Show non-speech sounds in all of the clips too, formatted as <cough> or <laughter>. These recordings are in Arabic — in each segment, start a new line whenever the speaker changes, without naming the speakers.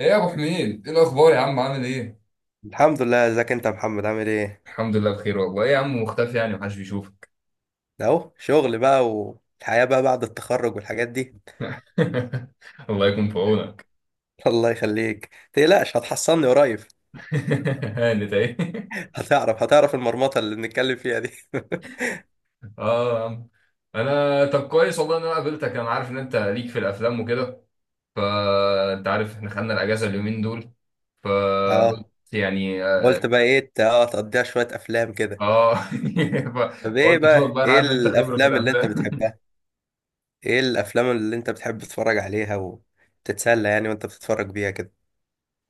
ايه يا ابو حميد؟ ايه الاخبار يا عم؟ عامل ايه؟
الحمد لله. ازيك انت يا محمد؟ عامل ايه؟
الحمد لله بخير والله. ايه يا عم مختفي، يعني محدش بيشوفك.
ده اهو شغل بقى والحياة بقى بعد التخرج والحاجات دي.
<laughs> الله يكون في عونك.
<laughs> الله يخليك تقلقش هتحصلني قريب.
<laughs> هانت اهي.
<laughs> هتعرف المرمطة اللي بنتكلم فيها دي.
اه يا عم. انا طب كويس والله ان انا قابلتك، انا عارف ان انت ليك في الافلام وكده. فانت عارف احنا خدنا الاجازه اليومين دول،
<laughs>
فقلت
اه.
يعني.
قلت بقى ايه تقضيها شوية افلام كده؟
اه <laughs>
طب ايه
فقلت اشوفك
بقى؟
بقى، انا
ايه
عارف ان انت خبره في
الافلام اللي انت
الافلام. <laughs>
بتحبها؟ ايه الافلام اللي انت بتحب تتفرج عليها وتتسلى يعني وانت بتتفرج بيها كده؟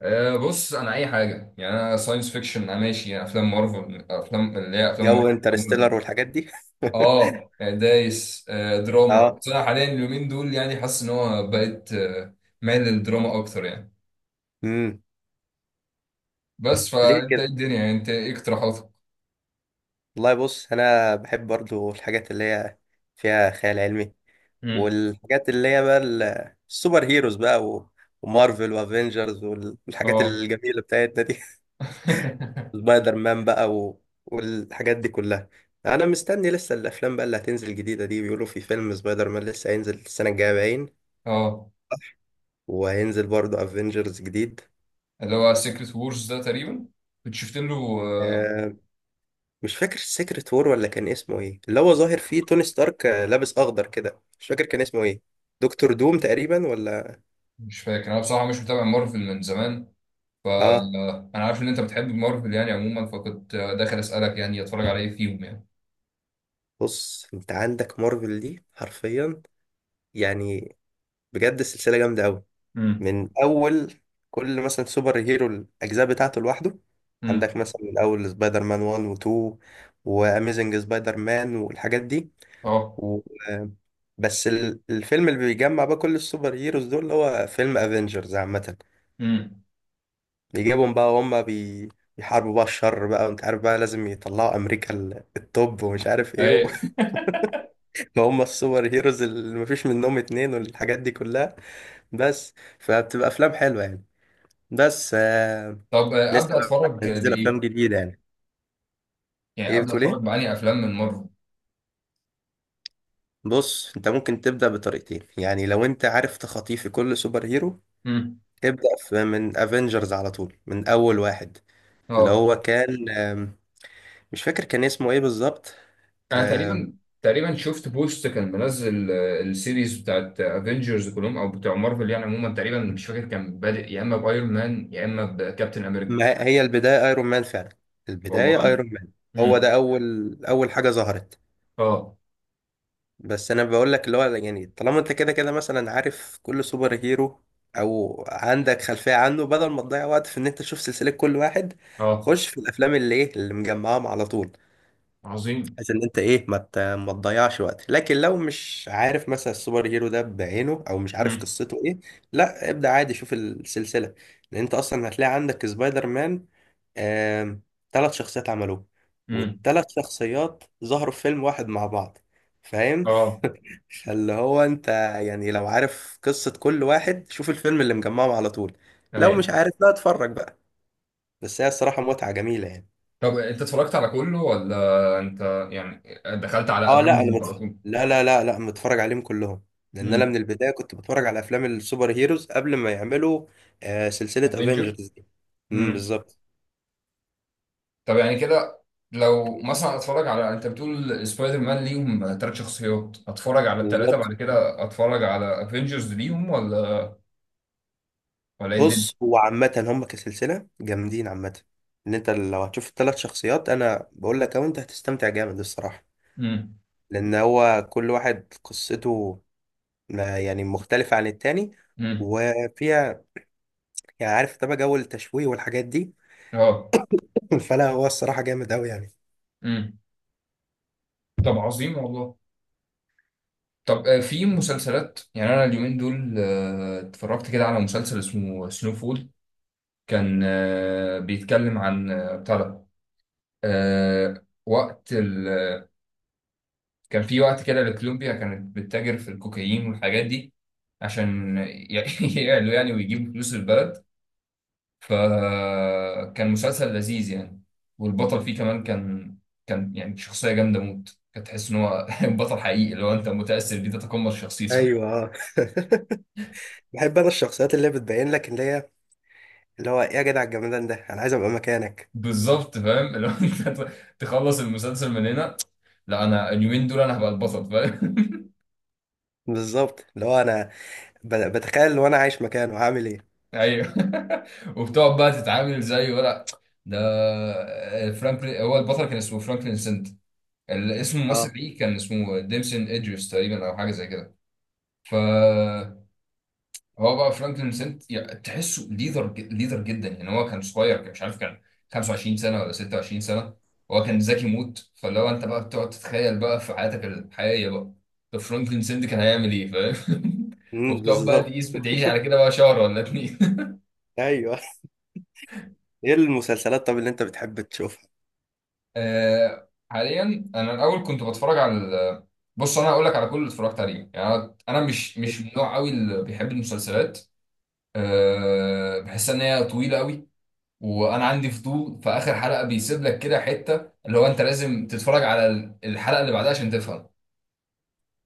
بص انا اي حاجه، يعني انا ساينس فيكشن انا ماشي، يعني افلام مارفل، افلام اللي هي افلام
جو
مارفل.
انترستيلر والحاجات دي.
اه دايس،
<laughs>
دراما.
اه.
بس انا حاليا اليومين دول يعني حاسس ان هو بقيت مايل للدراما اكتر يعني.
امم
بس
ليه؟
فانت ايه الدنيا يعني، انت ايه اقتراحاتك؟
والله بص انا بحب برضو الحاجات اللي هي فيها خيال علمي،
امم
والحاجات اللي هي بقى السوبر هيروز بقى ومارفل وافنجرز والحاجات
اه
الجميله بتاعتنا دي. <laughs>
<laughs>
سبايدر مان بقى والحاجات دي كلها. انا مستني لسه الافلام بقى اللي هتنزل جديده دي، بيقولوا في فيلم سبايدر مان لسه هينزل السنه الجايه باين،
اه.
وهينزل برضو افنجرز جديد.
اللي هو سيكريت وورز ده تقريبا، كنت شفت له
آه، مش فاكر سيكريت وور ولا كان اسمه ايه، اللي هو ظاهر فيه توني ستارك، لابس اخضر كده، مش فاكر كان اسمه ايه، دكتور دوم تقريبا، ولا؟
مش فاكر. انا بصراحه مش متابع مارفل من زمان.
اه.
انا عارف ان انت بتحب مارفل يعني عموما، فكنت داخل اسالك يعني اتفرج على ايه فيهم يعني.
بص انت عندك مارفل دي حرفيا يعني، بجد السلسله جامده قوي.
امم
من اول كل مثلا سوبر هيرو الاجزاء بتاعته لوحده. عندك
امم
مثلا من اول سبايدر مان 1 و2، واميزنج سبايدر مان والحاجات دي
اه
و... آه، بس الفيلم اللي بيجمع بقى كل السوبر هيروز دول اللي هو فيلم افنجرز عامه،
امم
يجيبهم بقى وهم بيحاربوا بقى الشر بقى، وانت عارف بقى لازم يطلعوا امريكا التوب، ومش عارف ايه
اي.
<laughs> هم السوبر هيروز اللي مفيش منهم اتنين، والحاجات دي كلها. بس فبتبقى افلام حلوه يعني. بس آه...
طب
لسه
ابدا
بقى
اتفرج
هنزل افلام
بايه؟
جديده يعني.
يعني
ايه
ابدا
بتقول
اتفرج
ايه؟
على افلام من مارفل.
بص انت ممكن تبدا بطريقتين، يعني لو انت عارف تخاطيف كل سوبر هيرو،
امم
ابدا في من افنجرز على طول، من اول واحد اللي
اه.
هو كان مش فاكر كان اسمه ايه بالظبط.
انا تقريبا شفت بوست كان منزل السيريز بتاعت افنجرز كلهم، او بتاع مارفل يعني عموما. تقريبا مش فاكر كان بادئ يا اما بايرون مان يا اما بكابتن امريكا.
ما هي البداية ايرون مان فعلا، البداية
والله.
ايرون مان، هو
امم
ده اول اول حاجة ظهرت.
اه
بس انا بقول لك اللي هو يعني طالما انت كده كده مثلا عارف كل سوبر هيرو، او عندك خلفية عنه، بدل ما تضيع وقت في ان انت تشوف سلسلة كل واحد،
اه.
خش في الافلام اللي ايه اللي مجمعاهم على طول،
عظيم.
بحيث ان انت ايه ما تضيعش وقت. لكن لو مش عارف مثلا السوبر هيرو ده بعينه، او مش عارف
امم
قصته ايه، لا ابدأ عادي شوف السلسلة. لان انت اصلا هتلاقي عندك سبايدر مان، آم، 3 شخصيات عملوه،
امم
والتلات شخصيات ظهروا في فيلم واحد مع بعض، فاهم؟
اه
<laughs> فاللي هو انت يعني لو عارف قصة كل واحد شوف الفيلم اللي مجمعهم على طول. لو
ايوه.
مش عارف لا اتفرج بقى. بس هي الصراحة متعة جميلة يعني.
طب انت اتفرجت على كله ولا انت يعني دخلت على
اه، لا، انا
افنجرز على طول؟
لا، لا، لا، لا، متفرج عليهم كلهم. لان انا من
امم
البدايه كنت بتفرج على افلام السوبر هيروز قبل ما يعملوا سلسله
افنجر.
افنجرز دي. امم، بالظبط.
طب يعني كده، لو مثلا اتفرج على، انت بتقول سبايدر مان ليهم ثلاث شخصيات، اتفرج على الثلاثه، بعد
بالظبط.
كده اتفرج على افنجرز ليهم ولا ولا ايه الدنيا؟
بص هو عامه هم كسلسله جامدين عامه. ان انت لو هتشوف الثلاث شخصيات انا بقول لك اهو انت هتستمتع جامد الصراحه.
امم
لان هو كل واحد قصته يعني مختلفه عن التاني،
امم
وفيها يعني عارف طبعا جو التشويق والحاجات دي.
اه
<laughs> فلا هو الصراحه جامد قوي يعني.
امم طب عظيم والله. طب في مسلسلات. يعني انا اليومين دول اتفرجت كده على مسلسل اسمه سنو فول. كان بيتكلم عن بتاع ده، وقت، كان في وقت كده لكولومبيا كانت بتتاجر في الكوكايين والحاجات دي، عشان <laughs> يعلوا يعني ويجيبوا فلوس البلد. فكان مسلسل لذيذ يعني. والبطل فيه كمان كان، كان يعني شخصية جامدة موت. كنت تحس ان هو <laughs> بطل حقيقي، اللي هو انت متأثر بيه تتقمص شخصيته.
ايوه. آه. <laughs> بحب انا الشخصيات اللي بتبين لك، اللي هي اللي هو ايه يا جدع الجمدان ده انا عايز ابقى مكانك.
<laughs> بالظبط، فاهم اللي هو انت <laughs> تخلص المسلسل من هنا. لا، انا اليومين دول انا هبقى البطل، فاهم؟
بالظبط، اللي هو انا بتخيل لو انا عايش مكانه هعمل ايه.
ايوه. <laughs> وبتقعد بقى تتعامل زيه ولا؟ ده فرانكلين هو البطل، كان اسمه فرانكلين سنت. اسم
اه.
الممثل ليه كان اسمه ديمسون ادريس تقريبا، او حاجه زي كده. ف هو بقى فرانكلين سنت، يعني تحسه ليدر ليدر جدا يعني. هو كان صغير، كان مش عارف، كان 25 سنه ولا 26 سنه. هو كان ذكي موت. فلو انت بقى بتقعد تتخيل بقى في حياتك الحقيقيه بقى، طب فرانكلين سنت كان هيعمل ايه؟ فاهم؟ <laughs>
امم،
وبتقعد بقى
بالظبط.
تقيس، بتعيش على كده بقى شهر ولا اتنين.
ايوه. <laughs> ايه المسلسلات طب اللي انت بتحب تشوفها؟
آه حاليا. انا الاول كنت بتفرج على بص انا هقول لك على كل اللي اتفرجت عليه يعني. انا مش من النوع قوي اللي بيحب المسلسلات. آه، بحس ان هي طويله قوي. وانا عندي فضول، في اخر حلقه بيسيب لك كده حته اللي هو انت لازم تتفرج على الحلقه اللي بعدها عشان تفهم.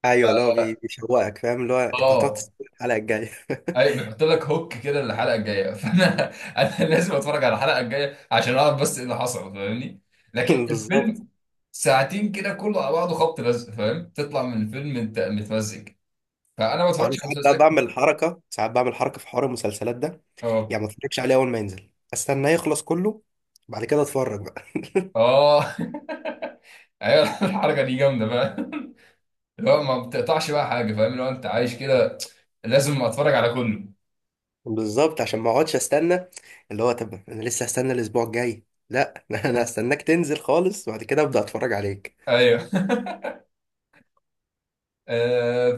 ايوه اللي هو بيشوقك، فاهم؟ اللي هو انت هتقعد
اه.
تستنى الحلقه الجايه.
اي، بنحط لك هوك كده للحلقه الجايه. <laughs> فانا انا لازم اتفرج على الحلقه الجايه عشان اعرف بس ايه اللي حصل، فاهمني؟
<laughs>
لكن
بالظبط.
الفيلم ساعتين كده كله على بعضه، خبط لزق، فاهم؟ تطلع من الفيلم انت متمزج. فانا ما
أو انا
بتفرجش على
ساعات بقى
مسلسلات
بعمل
كتير.
حركه، ساعات بعمل حركه في حوار المسلسلات ده،
اه
يعني ما اتفرجش عليه اول ما ينزل، استناه يخلص كله بعد كده اتفرج.
اه. <laughs> ايوه الحركه دي جامده بقى، اللي هو ما بتقطعش بقى حاجه، فاهم؟ اللي هو انت عايش كده، لازم اتفرج على كله.
بالظبط، عشان ما اقعدش استنى، اللي هو طب انا لسه هستنى الاسبوع الجاي؟ لا. <laughs> انا هستناك تنزل خالص وبعد كده ابدا اتفرج عليك.
ايوه.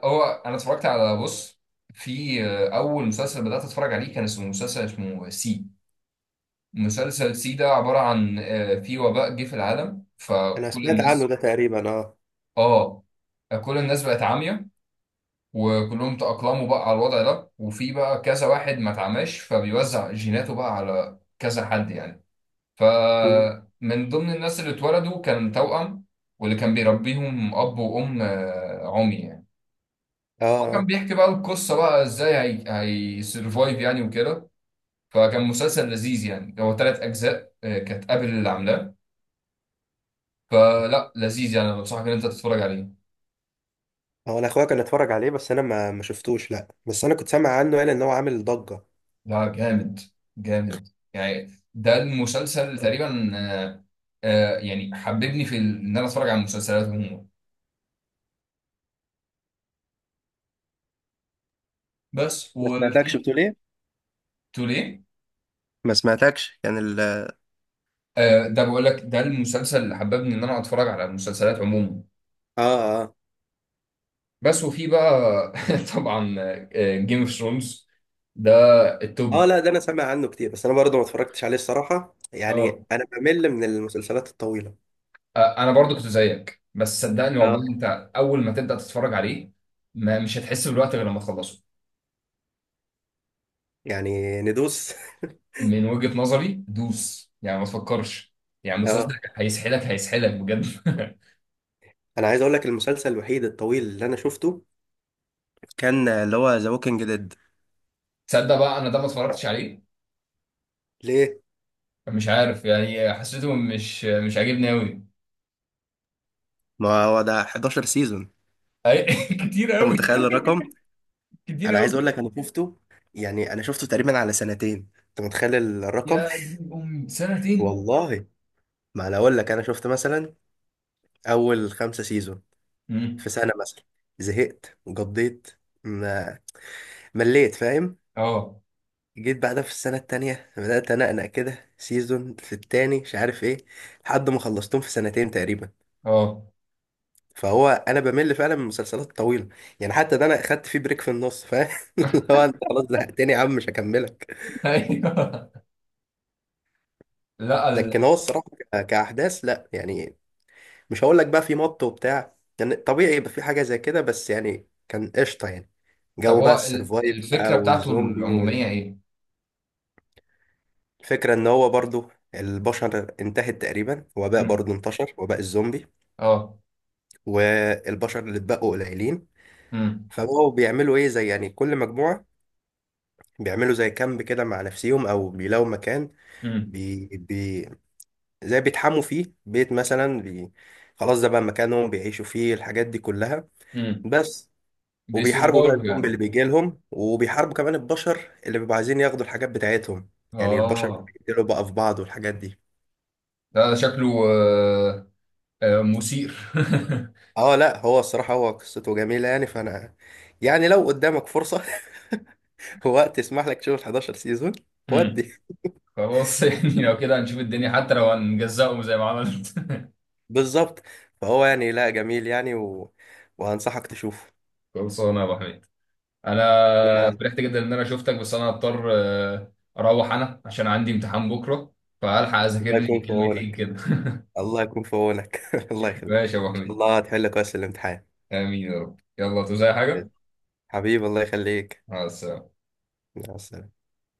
فهو انا اتفرجت على، بص، في اول مسلسل بدات اتفرج عليه كان اسمه مسلسل اسمه سي. مسلسل سي ده عباره عن في وباء جه في العالم،
انا
فكل
سمعت عنه
الناس،
ده تقريبا، اه.
اه، كل الناس بقت عاميه. وكلهم تأقلموا بقى على الوضع ده، وفي بقى كذا واحد ما اتعماش، فبيوزع جيناته بقى على كذا حد يعني.
مم.
فمن ضمن الناس اللي اتولدوا كان توأم، واللي كان بيربيهم اب وام، عمي يعني.
اه.
هو كان
آه.
بيحكي بقى القصة بقى ازاي هي هيسرفايف يعني وكده. فكان مسلسل لذيذ يعني. هو ثلاث أجزاء كانت قابل اللي عاملاه. فلا، لذيذ يعني، أنا بنصحك إن أنت تتفرج عليه.
هو انا اخويا كان اتفرج عليه بس انا ما شفتوش، لا، بس انا كنت سامع عنه، قال ان هو عامل ضجة.
لا، جامد جامد يعني. ده المسلسل تقريبا يعني حببني في إن أنا أتفرج على المسلسلات عموما. بس
ما سمعتكش
وفي
بتقول ايه؟
توليه.
ما سمعتكش كان ال اه
ده بقول لك، ده المسلسل اللي حببني إن أنا أتفرج على المسلسلات عموما.
اه.
بس وفي بقى <laughs> طبعا جيم اوف ثرونز، ده
اه،
التوب.
لا، ده انا سامع عنه كتير بس انا برضه ما اتفرجتش عليه الصراحة، يعني
اه.
انا بمل من المسلسلات الطويلة.
انا برضو كنت زيك، بس صدقني والله
اه.
انت اول ما تبدا تتفرج عليه ما مش هتحس بالوقت غير لما تخلصه.
يعني ندوس.
من وجهة نظري دوس يعني، ما تفكرش. يعني
<laughs>
مسلسل
اه.
هيسحلك هيسحلك بجد. <laughs>
انا عايز اقول لك المسلسل الوحيد الطويل اللي انا شفته كان اللي هو ذا ووكينج ديد.
تصدق بقى انا ده ما اتفرجتش عليه.
ليه؟
مش عارف يعني، حسيته مش عاجبني قوي.
ما هو ده 11 سيزون،
<laughs> كتير
انت
قوي.
متخيل الرقم.
كتير
انا عايز
قوي.
اقول لك انا شفته، يعني انا شفته تقريبا على سنتين، انت متخيل الرقم.
يا دين امي
<laughs>
سنتين.
والله، ما انا اقول لك انا شفت مثلا اول 5 سيزون
مم.
في سنة مثلا، زهقت وقضيت، ما مليت، فاهم؟
اه
جيت بعدها في السنة التانية بدأت أنقنق كده سيزون في التاني مش عارف ايه، لحد ما خلصتهم في سنتين تقريبا.
اه
فهو انا بمل فعلا من المسلسلات الطويله، يعني حتى ده انا اخدت فيه بريك في النص، فاهم؟ <laughs> اللي هو انت خلاص زهقتني يا عم مش هكملك.
ايوه. لا
لكن هو الصراحه كاحداث لا يعني، مش هقول لك بقى في مط وبتاع، يعني طبيعي يبقى في حاجه زي كده، بس يعني كان قشطه يعني،
طب
جو بقى
هو
السرفايف بقى
الفكره بتاعته
والزومبي.
العموميه ايه؟
والفكره ان هو برضو البشر انتهت تقريبا، وباء
مم.
برضو انتشر، وباء الزومبي.
اه.
والبشر اللي اتبقوا قليلين،
امم
فبقوا بيعملوا ايه زي يعني كل مجموعه بيعملوا زي كامب كده مع نفسيهم، او بيلاقوا مكان
امم
بي... بي... زي بيتحموا فيه بيت مثلا، خلاص ده بقى مكانهم بيعيشوا فيه الحاجات دي كلها.
امم
بس وبيحاربوا بقى
بيسيرفايف
الزومبي
يعني.
اللي بيجي لهم، وبيحاربوا كمان البشر اللي بيبقوا عايزين ياخدوا الحاجات بتاعتهم، يعني البشر
اه
بيقتلوا بقى في بعض والحاجات دي.
لا، ده شكله آه، مثير.
اه، لا، هو الصراحة هو قصته جميلة يعني، فانا يعني لو قدامك فرصة <laughs> ووقت يسمح لك تشوف ال 11 سيزون
<laughs> مم.
ودي،
خلاص. <laughs> يعني لو كده هنشوف الدنيا، حتى لو هنجزقهم زي ما عملت. <laughs>
بالظبط. فهو يعني لا جميل يعني وهنصحك تشوفه.
خلصانه يا ابو حميد. انا
يا.
فرحت جدا ان انا شفتك، بس انا هضطر اروح انا عشان عندي امتحان بكره، فالحق اذاكر
الله
لي
يكون في
كلمتين
عونك.
كده.
الله يكون في عونك. <laughs> الله
<laughs>
يخليك، ان
ماشي يا ابو
شاء
حميد.
الله هتحل كويس الامتحان.
امين يا رب. يلا، عاوز اي حاجه؟
حبيبي الله يخليك.
مع السلامه.
مع السلامة.